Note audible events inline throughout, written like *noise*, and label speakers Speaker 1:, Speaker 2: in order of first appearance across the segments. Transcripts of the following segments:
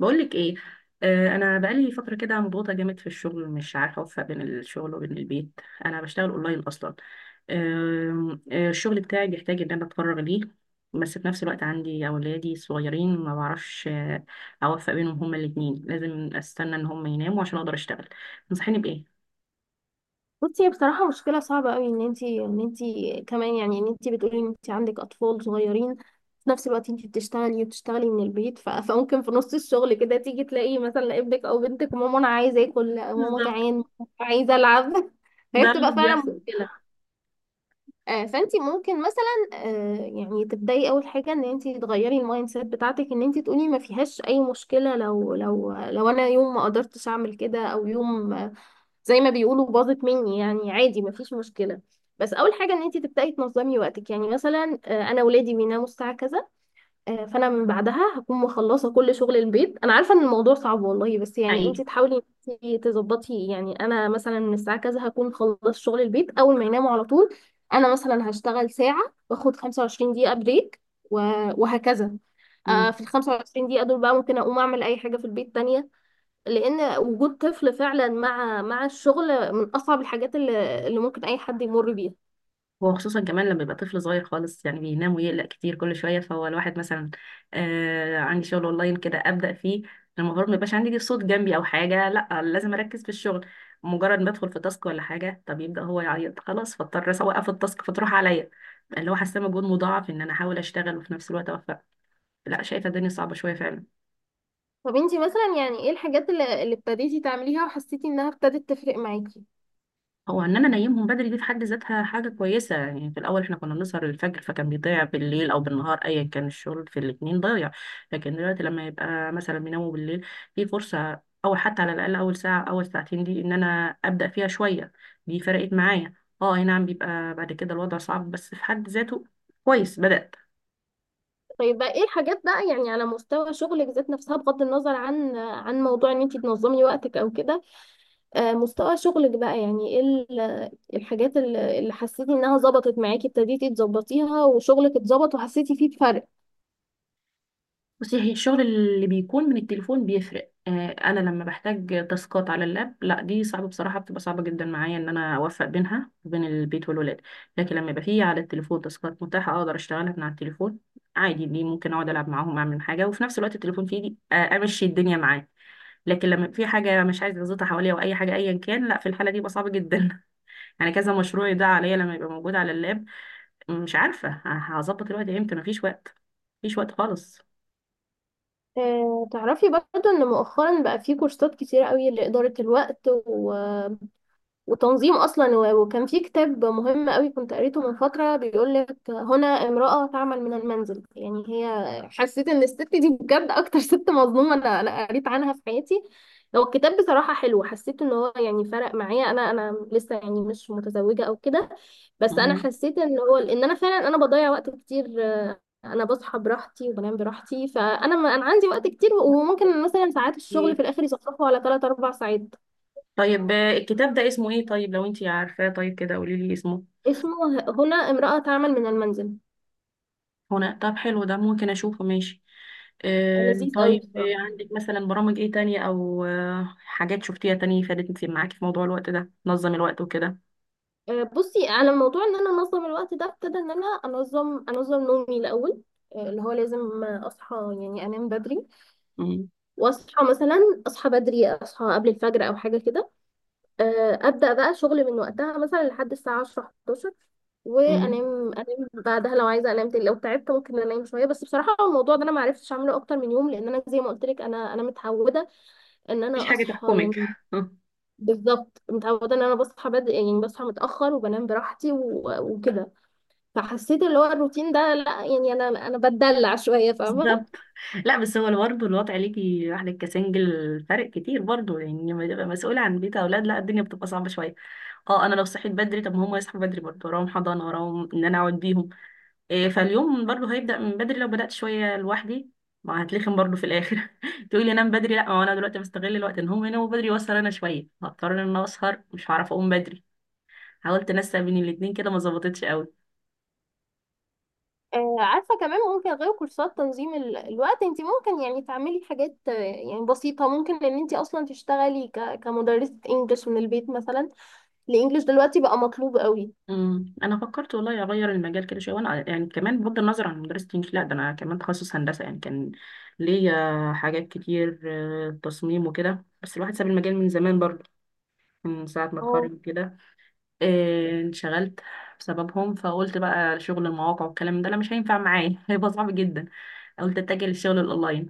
Speaker 1: بقولك ايه؟ آه، انا بقالي فتره كده مضغوطه جامد في الشغل، مش عارفه اوفق بين الشغل وبين البيت. انا بشتغل اونلاين اصلا. آه، آه، الشغل بتاعي بيحتاج ان انا اتفرغ ليه، بس في نفس الوقت عندي اولادي صغيرين ما بعرفش اوفق بينهم، هما الاثنين لازم استنى ان هما يناموا عشان اقدر اشتغل. تنصحيني بايه؟
Speaker 2: بصي، هي بصراحة مشكلة صعبة قوي ان انتي ان انتي كمان، يعني ان انتي بتقولي ان انتي عندك اطفال صغيرين في نفس الوقت انتي بتشتغلي وبتشتغلي من البيت *laughs* فممكن في نص الشغل كده تيجي تلاقي مثلا ابنك او بنتك ماما انا عايزة اكل، لا، ماما
Speaker 1: بالظبط.
Speaker 2: جعان، ماما عايزة العب. *laughs* فهي
Speaker 1: ده اللي
Speaker 2: بتبقى فعلا
Speaker 1: بيحصل.
Speaker 2: مشكلة. فانتي ممكن مثلا، يعني تبدأي اول حاجة ان انتي تغيري المايند سيت بتاعتك، ان انتي تقولي ما فيهاش اي مشكلة لو لو انا يوم ما قدرتش اعمل كده، او يوم زي ما بيقولوا باظت مني يعني عادي مفيش مشكلة. بس اول حاجة ان انت تبدأي تنظمي وقتك. يعني مثلا، انا ولادي بيناموا الساعة كذا، فانا من بعدها هكون مخلصة كل شغل البيت. انا عارفة ان الموضوع صعب والله، بس يعني انت
Speaker 1: حقيقي.
Speaker 2: تحاولي إن انت تظبطي. يعني انا مثلا من الساعة كذا هكون مخلص شغل البيت اول ما يناموا على طول. انا مثلا هشتغل ساعة واخد 25 دقيقة بريك و- وهكذا.
Speaker 1: مم.
Speaker 2: في ال 25 دقيقة دول بقى ممكن اقوم اعمل اي حاجة في البيت تانية، لان وجود طفل فعلا مع الشغل من اصعب الحاجات اللي ممكن اي حد يمر بيها.
Speaker 1: وخصوصا كمان لما يبقى طفل صغير خالص، يعني بينام ويقلق كتير كل شويه، فهو الواحد مثلا عندي شغل اونلاين كده ابدا فيه، المفروض ما يبقاش عندي صوت جنبي او حاجه، لا لازم اركز في الشغل. مجرد ما ادخل في تاسك ولا حاجه، طب يبدا هو يعيط، خلاص فاضطر اوقف التاسك فتروح عليا، اللي هو حاسه مجهود مضاعف ان انا احاول اشتغل وفي نفس الوقت اوفق. لا شايفه الدنيا صعبه شويه فعلا.
Speaker 2: طب انتي مثلا يعني ايه الحاجات اللي ابتديتي تعمليها وحسيتي انها ابتدت تفرق معاكي؟
Speaker 1: هو ان انا انيمهم بدري دي في حد ذاتها حاجه كويسه، يعني في الاول احنا كنا بنسهر الفجر فكان بيضيع بالليل او بالنهار ايا كان، الشغل في الاتنين ضايع. لكن دلوقتي لما يبقى مثلا بيناموا بالليل في فرصه، او حتى على الاقل اول ساعه اول ساعتين دي ان انا ابدا فيها شويه، دي فرقت معايا. اه، اي نعم بيبقى بعد كده الوضع صعب، بس في حد ذاته كويس بدات.
Speaker 2: طيب بقى ايه الحاجات بقى، يعني على مستوى شغلك ذات نفسها بغض النظر عن موضوع ان انتي تنظمي وقتك او كده؟ مستوى شغلك بقى، يعني ايه الحاجات اللي حسيتي انها ظبطت معاكي ابتديتي تظبطيها وشغلك اتظبط وحسيتي فيه بفرق؟
Speaker 1: بصي، هي الشغل اللي بيكون من التليفون بيفرق. انا لما بحتاج تاسكات على اللاب لا، دي صعبه بصراحه، بتبقى صعبه جدا معايا ان انا اوفق بينها وبين البيت والولاد. لكن لما يبقى فيه على التليفون تاسكات متاحه اقدر اشتغلها من على التليفون عادي، دي ممكن اقعد العب معاهم، اعمل حاجه وفي نفس الوقت التليفون في ايدي، امشي الدنيا معاه. لكن لما في حاجه مش عايزه اظبطها حواليا او اي حاجه ايا كان، لا في الحاله دي بقى صعبه جدا. *laughs* يعني كذا مشروع ده عليا لما يبقى موجود على اللاب، مش عارفه هظبط الوقت امتى، مفيش وقت، مفيش وقت خالص.
Speaker 2: تعرفي برضه ان مؤخرا بقى في كورسات كتيرة قوي لإدارة الوقت وتنظيم اصلا، وكان في كتاب مهم قوي كنت قريته من فتره بيقول لك هنا امراه تعمل من المنزل. يعني هي حسيت ان الست دي بجد اكتر ست مظلومه انا قريت عنها في حياتي. هو الكتاب بصراحه حلو، حسيت ان هو يعني فرق معايا. انا لسه يعني مش متزوجه او كده، بس انا
Speaker 1: مم.
Speaker 2: حسيت ان هو ان انا فعلا انا بضيع وقت كتير. انا بصحى براحتي وبنام براحتي، فانا ما انا عندي وقت كتير، وممكن مثلا ساعات الشغل في الاخر يصفصفوا على 3 4 ساعات.
Speaker 1: طيب، الكتاب ده اسمه ايه طيب لو انتي عارفاه؟ طيب كده قولي لي اسمه.
Speaker 2: اسمه هنا امرأة تعمل من المنزل.
Speaker 1: هنا؟ طب حلو، ده ممكن اشوفه ماشي. آه
Speaker 2: لذيذ قوي
Speaker 1: طيب،
Speaker 2: بصراحة.
Speaker 1: عندك مثلا برامج ايه تانية او آه حاجات شفتيها تانية فادت معاكي في موضوع الوقت ده، نظم الوقت وكده؟
Speaker 2: بصي، على موضوع ان انا انظم الوقت ده ابتدى ان انا انظم نومي الاول. اللي هو لازم، اصحى، يعني انام بدري
Speaker 1: مم.
Speaker 2: واصحى اصحى بدري، اصحى قبل الفجر او حاجة كده. ابدأ بقى شغل من وقتها مثلا لحد الساعة 10 11،
Speaker 1: مم.
Speaker 2: وانام بعدها لو عايزه انام تاني، لو تعبت ممكن انام شويه. بس بصراحه الموضوع ده انا ما عرفتش اعمله اكتر من يوم، لان انا زي ما قلت لك انا متعوده ان
Speaker 1: مفيش
Speaker 2: انا
Speaker 1: حاجة
Speaker 2: اصحى
Speaker 1: تحكمك.
Speaker 2: يعني.
Speaker 1: *laughs*
Speaker 2: بالظبط، متعوده ان انا بصحى بدري، يعني بصحى متاخر وبنام براحتي وكده. فحسيت اللي هو الروتين ده، لا يعني انا بتدلع شويه، فاهمه.
Speaker 1: بالظبط. لا بس هو برضه الوضع ليكي واحدة كسنجل فرق كتير برضه، يعني لما تبقى مسؤولة عن بيت أولاد لا، الدنيا بتبقى صعبة شوية. اه، أنا لو صحيت بدري طب ما هم يصحوا بدري برضه، وراهم حضانة وراهم إن أنا أقعد بيهم. إيه، فاليوم برضو هيبدأ من بدري لو بدأت شوية لوحدي، ما هتلخم برضو في الآخر. *laughs* تقولي أنام بدري، لا ما هو أنا دلوقتي بستغل الوقت إن هم يناموا بدري وأسهر أنا شوية، هضطر إن أنا أسهر مش هعرف أقوم بدري. حاولت أنسق بين الاتنين كده ما ظبطتش قوي.
Speaker 2: آه، عارفه كمان ممكن غير كورسات تنظيم الوقت انت ممكن يعني تعملي حاجات، يعني بسيطه. ممكن ان انت اصلا تشتغلي كمدرسه انجلش من البيت مثلا. الانجليش دلوقتي بقى مطلوب قوي.
Speaker 1: امم، انا فكرت والله اغير المجال كده شويه، وانا يعني كمان بغض النظر عن مدرسه الانجليزي لا، ده انا كمان تخصص هندسه، يعني كان ليا حاجات كتير، تصميم وكده، بس الواحد ساب المجال من زمان برضو، من ساعه ما
Speaker 2: اه،
Speaker 1: اتخرج كده. إيه، انشغلت بسببهم فقلت بقى شغل المواقع والكلام ده انا مش هينفع معايا. *laughs* هيبقى صعب جدا. قلت اتجه للشغل الاونلاين.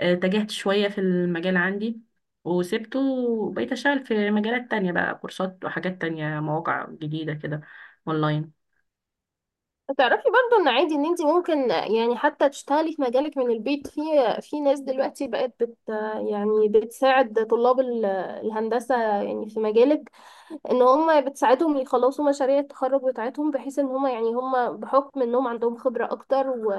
Speaker 1: إيه، اتجهت شوية في المجال عندي، وسبته وبقيت اشتغل في مجالات تانية بقى، كورسات وحاجات تانية مواقع جديدة كده اونلاين.
Speaker 2: تعرفي برضو ان عادي ان انت ممكن يعني حتى تشتغلي في مجالك من البيت. في ناس دلوقتي بقت يعني بتساعد طلاب الهندسة يعني في مجالك، ان هم بتساعدهم يخلصوا مشاريع التخرج بتاعتهم، بحيث ان هم يعني هم بحكم انهم عندهم خبرة اكتر و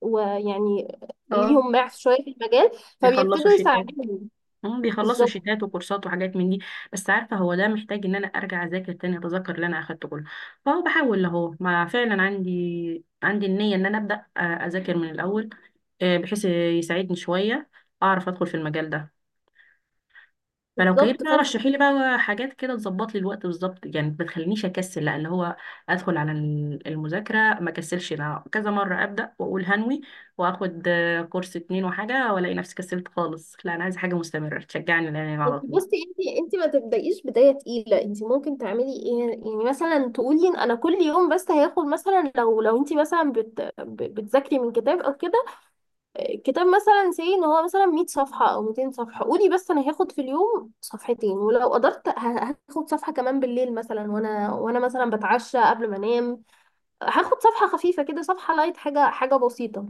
Speaker 2: ويعني
Speaker 1: اه،
Speaker 2: ليهم معرف شوية في المجال،
Speaker 1: بيخلصوا
Speaker 2: فبيبتدوا
Speaker 1: شيتات.
Speaker 2: يساعدوهم.
Speaker 1: هم بيخلصوا
Speaker 2: بالظبط.
Speaker 1: شيتات وكورسات وحاجات من دي. بس عارفه هو ده محتاج ان انا ارجع اذاكر تاني اتذكر اللي انا اخدته كله، فهو بحاول اهو، ما فعلا عندي النيه ان انا ابدا اذاكر من الاول، آه، بحيث يساعدني شويه اعرف ادخل في المجال ده. فلو كيف
Speaker 2: بالظبط،
Speaker 1: بقى رشحي لي بقى حاجات كده تظبط لي الوقت بالظبط، يعني ما تخلينيش اكسل، لا اللي هو ادخل على المذاكره ما كسلش، لا كذا مره ابدا واقول هنوي، واخد كورس اتنين وحاجه والاقي نفسي كسلت خالص، لا انا عايزه حاجه مستمره تشجعني، لان على
Speaker 2: انت
Speaker 1: طول.
Speaker 2: بصي، انت ما تبدايش بدايه تقيله. انت ممكن تعملي ايه؟ يعني مثلا تقولي ان انا كل يوم بس هياخد مثلا، لو انت مثلا بتذاكري من كتاب او كده، كتاب مثلا سي ان هو مثلا 100 صفحه او 200 صفحه، قولي بس انا هاخد في اليوم صفحتين، ولو قدرت هاخد صفحه كمان بالليل مثلا، وانا مثلا بتعشى قبل ما انام هاخد صفحة خفيفة كده، صفحة لايت، حاجة حاجة بسيطة.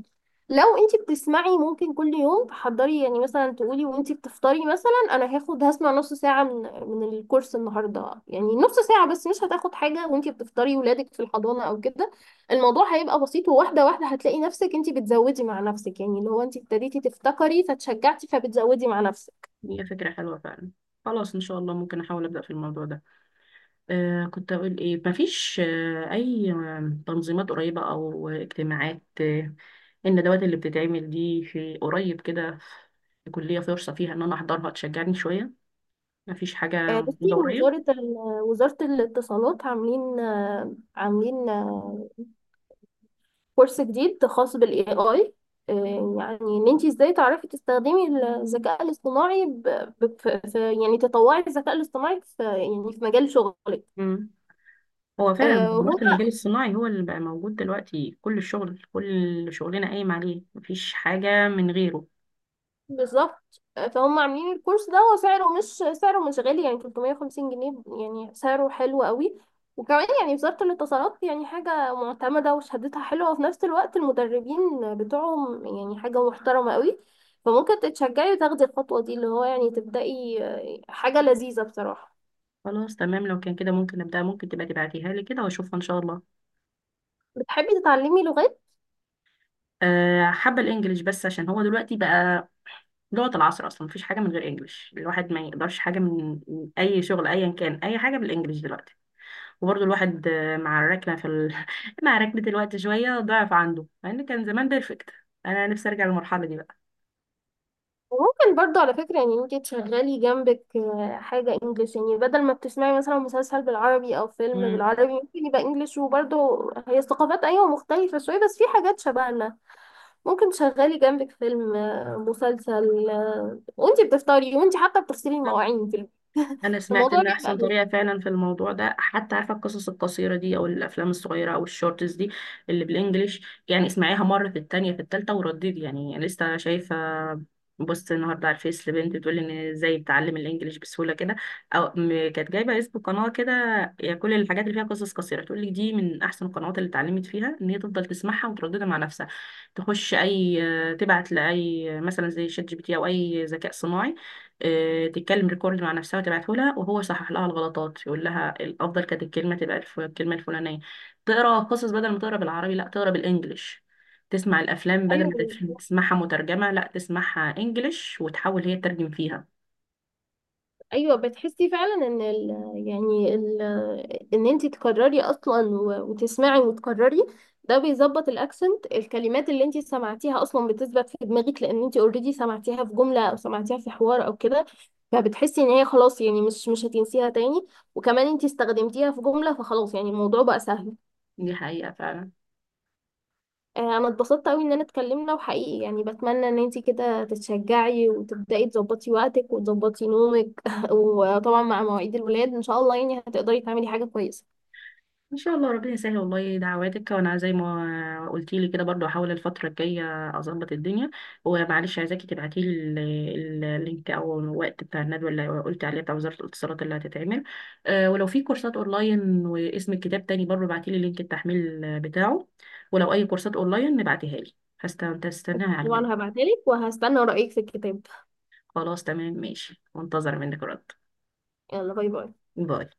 Speaker 2: لو انتي بتسمعي ممكن كل يوم تحضري، يعني مثلا تقولي وانتي بتفطري مثلا انا هسمع نص ساعة من الكورس النهاردة. يعني نص ساعة بس، مش هتاخد حاجة وانتي بتفطري ولادك في الحضانة او كده. الموضوع هيبقى بسيط، وواحدة واحدة هتلاقي نفسك انتي بتزودي مع نفسك، يعني اللي هو انتي ابتديتي تفتكري فتشجعتي فبتزودي مع نفسك.
Speaker 1: هي فكرة حلوة فعلا. خلاص إن شاء الله ممكن أحاول أبدأ في الموضوع ده. آه كنت أقول إيه، مفيش آه أي آه، تنظيمات قريبة أو اجتماعات، الندوات اللي بتتعمل دي في قريب كده، في كلية فرصة فيها إن أنا أحضرها تشجعني شوية؟ مفيش حاجة
Speaker 2: بصي،
Speaker 1: موجودة قريب؟
Speaker 2: وزارة وزارة الاتصالات عاملين، كورس جديد خاص بالاي اي، يعني ان انت ازاي تعرفي تستخدمي الذكاء الاصطناعي، يعني تطوعي الذكاء الاصطناعي في يعني في مجال شغلك.
Speaker 1: مم. هو فعلا
Speaker 2: آه، هو
Speaker 1: دلوقتي المجال الصناعي هو اللي بقى موجود دلوقتي، كل الشغل كل شغلنا قايم عليه، مفيش حاجة من غيره.
Speaker 2: بالظبط. فهم عاملين الكورس ده وسعره مش سعره مش غالي، يعني 350 جنيه. يعني سعره حلو قوي. وكمان يعني وزارة الاتصالات يعني حاجة معتمدة وشهادتها حلوة، وفي نفس الوقت المدربين بتوعهم يعني حاجة محترمة قوي. فممكن تتشجعي وتاخدي الخطوة دي، اللي هو يعني تبدأي، حاجة لذيذة بصراحة.
Speaker 1: خلاص تمام، لو كان كده ممكن أبدأ، ممكن تبقى تبعتيها لي كده وأشوفها إن شاء الله.
Speaker 2: بتحبي تتعلمي لغات؟
Speaker 1: حابة الانجليش، بس عشان هو دلوقتي بقى لغة العصر اصلا، مفيش حاجة من غير انجليش، الواحد ما يقدرش حاجة من اي شغل ايا كان، اي حاجة بالانجليش دلوقتي. وبرضه الواحد مع الركنة في *laughs* مع ركنة الوقت شوية ضعف عنده، مع ان كان زمان بيرفكت. انا نفسي ارجع للمرحلة دي بقى.
Speaker 2: وممكن برضو على فكرة يعني انت تشغلي جنبك، حاجة انجليش. يعني بدل ما بتسمعي مثلا مسلسل بالعربي او فيلم
Speaker 1: مم.
Speaker 2: بالعربي ممكن يبقى انجليش، وبرضو هي الثقافات ايوه مختلفة شوية بس في حاجات شبهنا. ممكن تشغلي جنبك فيلم، مسلسل، وانت بتفطري وانت حتى بتغسلي المواعين في البيت. *laughs*
Speaker 1: انا سمعت
Speaker 2: الموضوع
Speaker 1: ان
Speaker 2: بيبقى
Speaker 1: احسن
Speaker 2: لذيذ.
Speaker 1: طريقه فعلا في الموضوع ده، حتى عارفه القصص القصيره دي او الافلام الصغيره او الشورتس دي اللي بالانجليش، يعني اسمعيها مره في التانية في التالتة ورددي. يعني لسه شايفه بوست النهارده على الفيس لبنت بتقول ان ازاي بتعلم الانجليش بسهوله كده، او كانت جايبه اسم قناه كده، يعني كل الحاجات اللي فيها قصص قصيره تقول لك دي من احسن القنوات اللي اتعلمت فيها، ان هي تفضل تسمعها وترددها مع نفسها، تخش اي، تبعت لاي مثلا زي شات جي بي تي او اي ذكاء صناعي، تتكلم ريكورد مع نفسها وتبعته لها وهو يصحح لها الغلطات، يقول لها الافضل كانت الكلمه تبقى الكلمه الفلانيه، تقرا قصص بدل ما تقرا بالعربي لا، تقرا بالانجلش، تسمع الافلام بدل
Speaker 2: ايوه،
Speaker 1: ما تسمعها مترجمه لا، تسمعها انجلش وتحاول هي تترجم فيها.
Speaker 2: ايوه بتحسي فعلا ان ال يعني ال ان انت تكرري اصلا، وتسمعي وتكرري. ده بيظبط الاكسنت، الكلمات اللي انت سمعتيها اصلا بتثبت في دماغك، لان انت اوريدي سمعتيها في جمله او سمعتيها في حوار او كده، فبتحسي ان هي خلاص يعني مش هتنسيها تاني. وكمان انت استخدمتيها في جمله فخلاص يعني الموضوع بقى سهل.
Speaker 1: دي حقيقه فعلا.
Speaker 2: انا اتبسطت قوي اننا اتكلمنا، وحقيقي يعني بتمنى ان انتي كده تتشجعي وتبداي تظبطي وقتك وتظبطي نومك *laughs* وطبعا مع مواعيد الولاد ان شاء الله يعني هتقدري تعملي حاجه كويسه.
Speaker 1: ان شاء الله ربنا يسهل والله، دعواتك، وانا زي ما قلتي لي كده برضو احاول الفتره الجايه اظبط الدنيا. ومعلش عايزاكي تبعتي لي اللينك او الوقت بتاع الندوه اللي قلت عليها بتاع وزاره الاتصالات اللي هتتعمل. أه ولو في كورسات اونلاين، واسم الكتاب تاني برضو ابعتي لي لينك التحميل بتاعه، ولو اي كورسات اونلاين نبعتيها لي. هستناها على
Speaker 2: طبعا
Speaker 1: منك.
Speaker 2: هبعتلك وهستنى رايك في الكتاب.
Speaker 1: خلاص تمام ماشي، منتظره منك رد.
Speaker 2: يلا، باي باي.
Speaker 1: باي.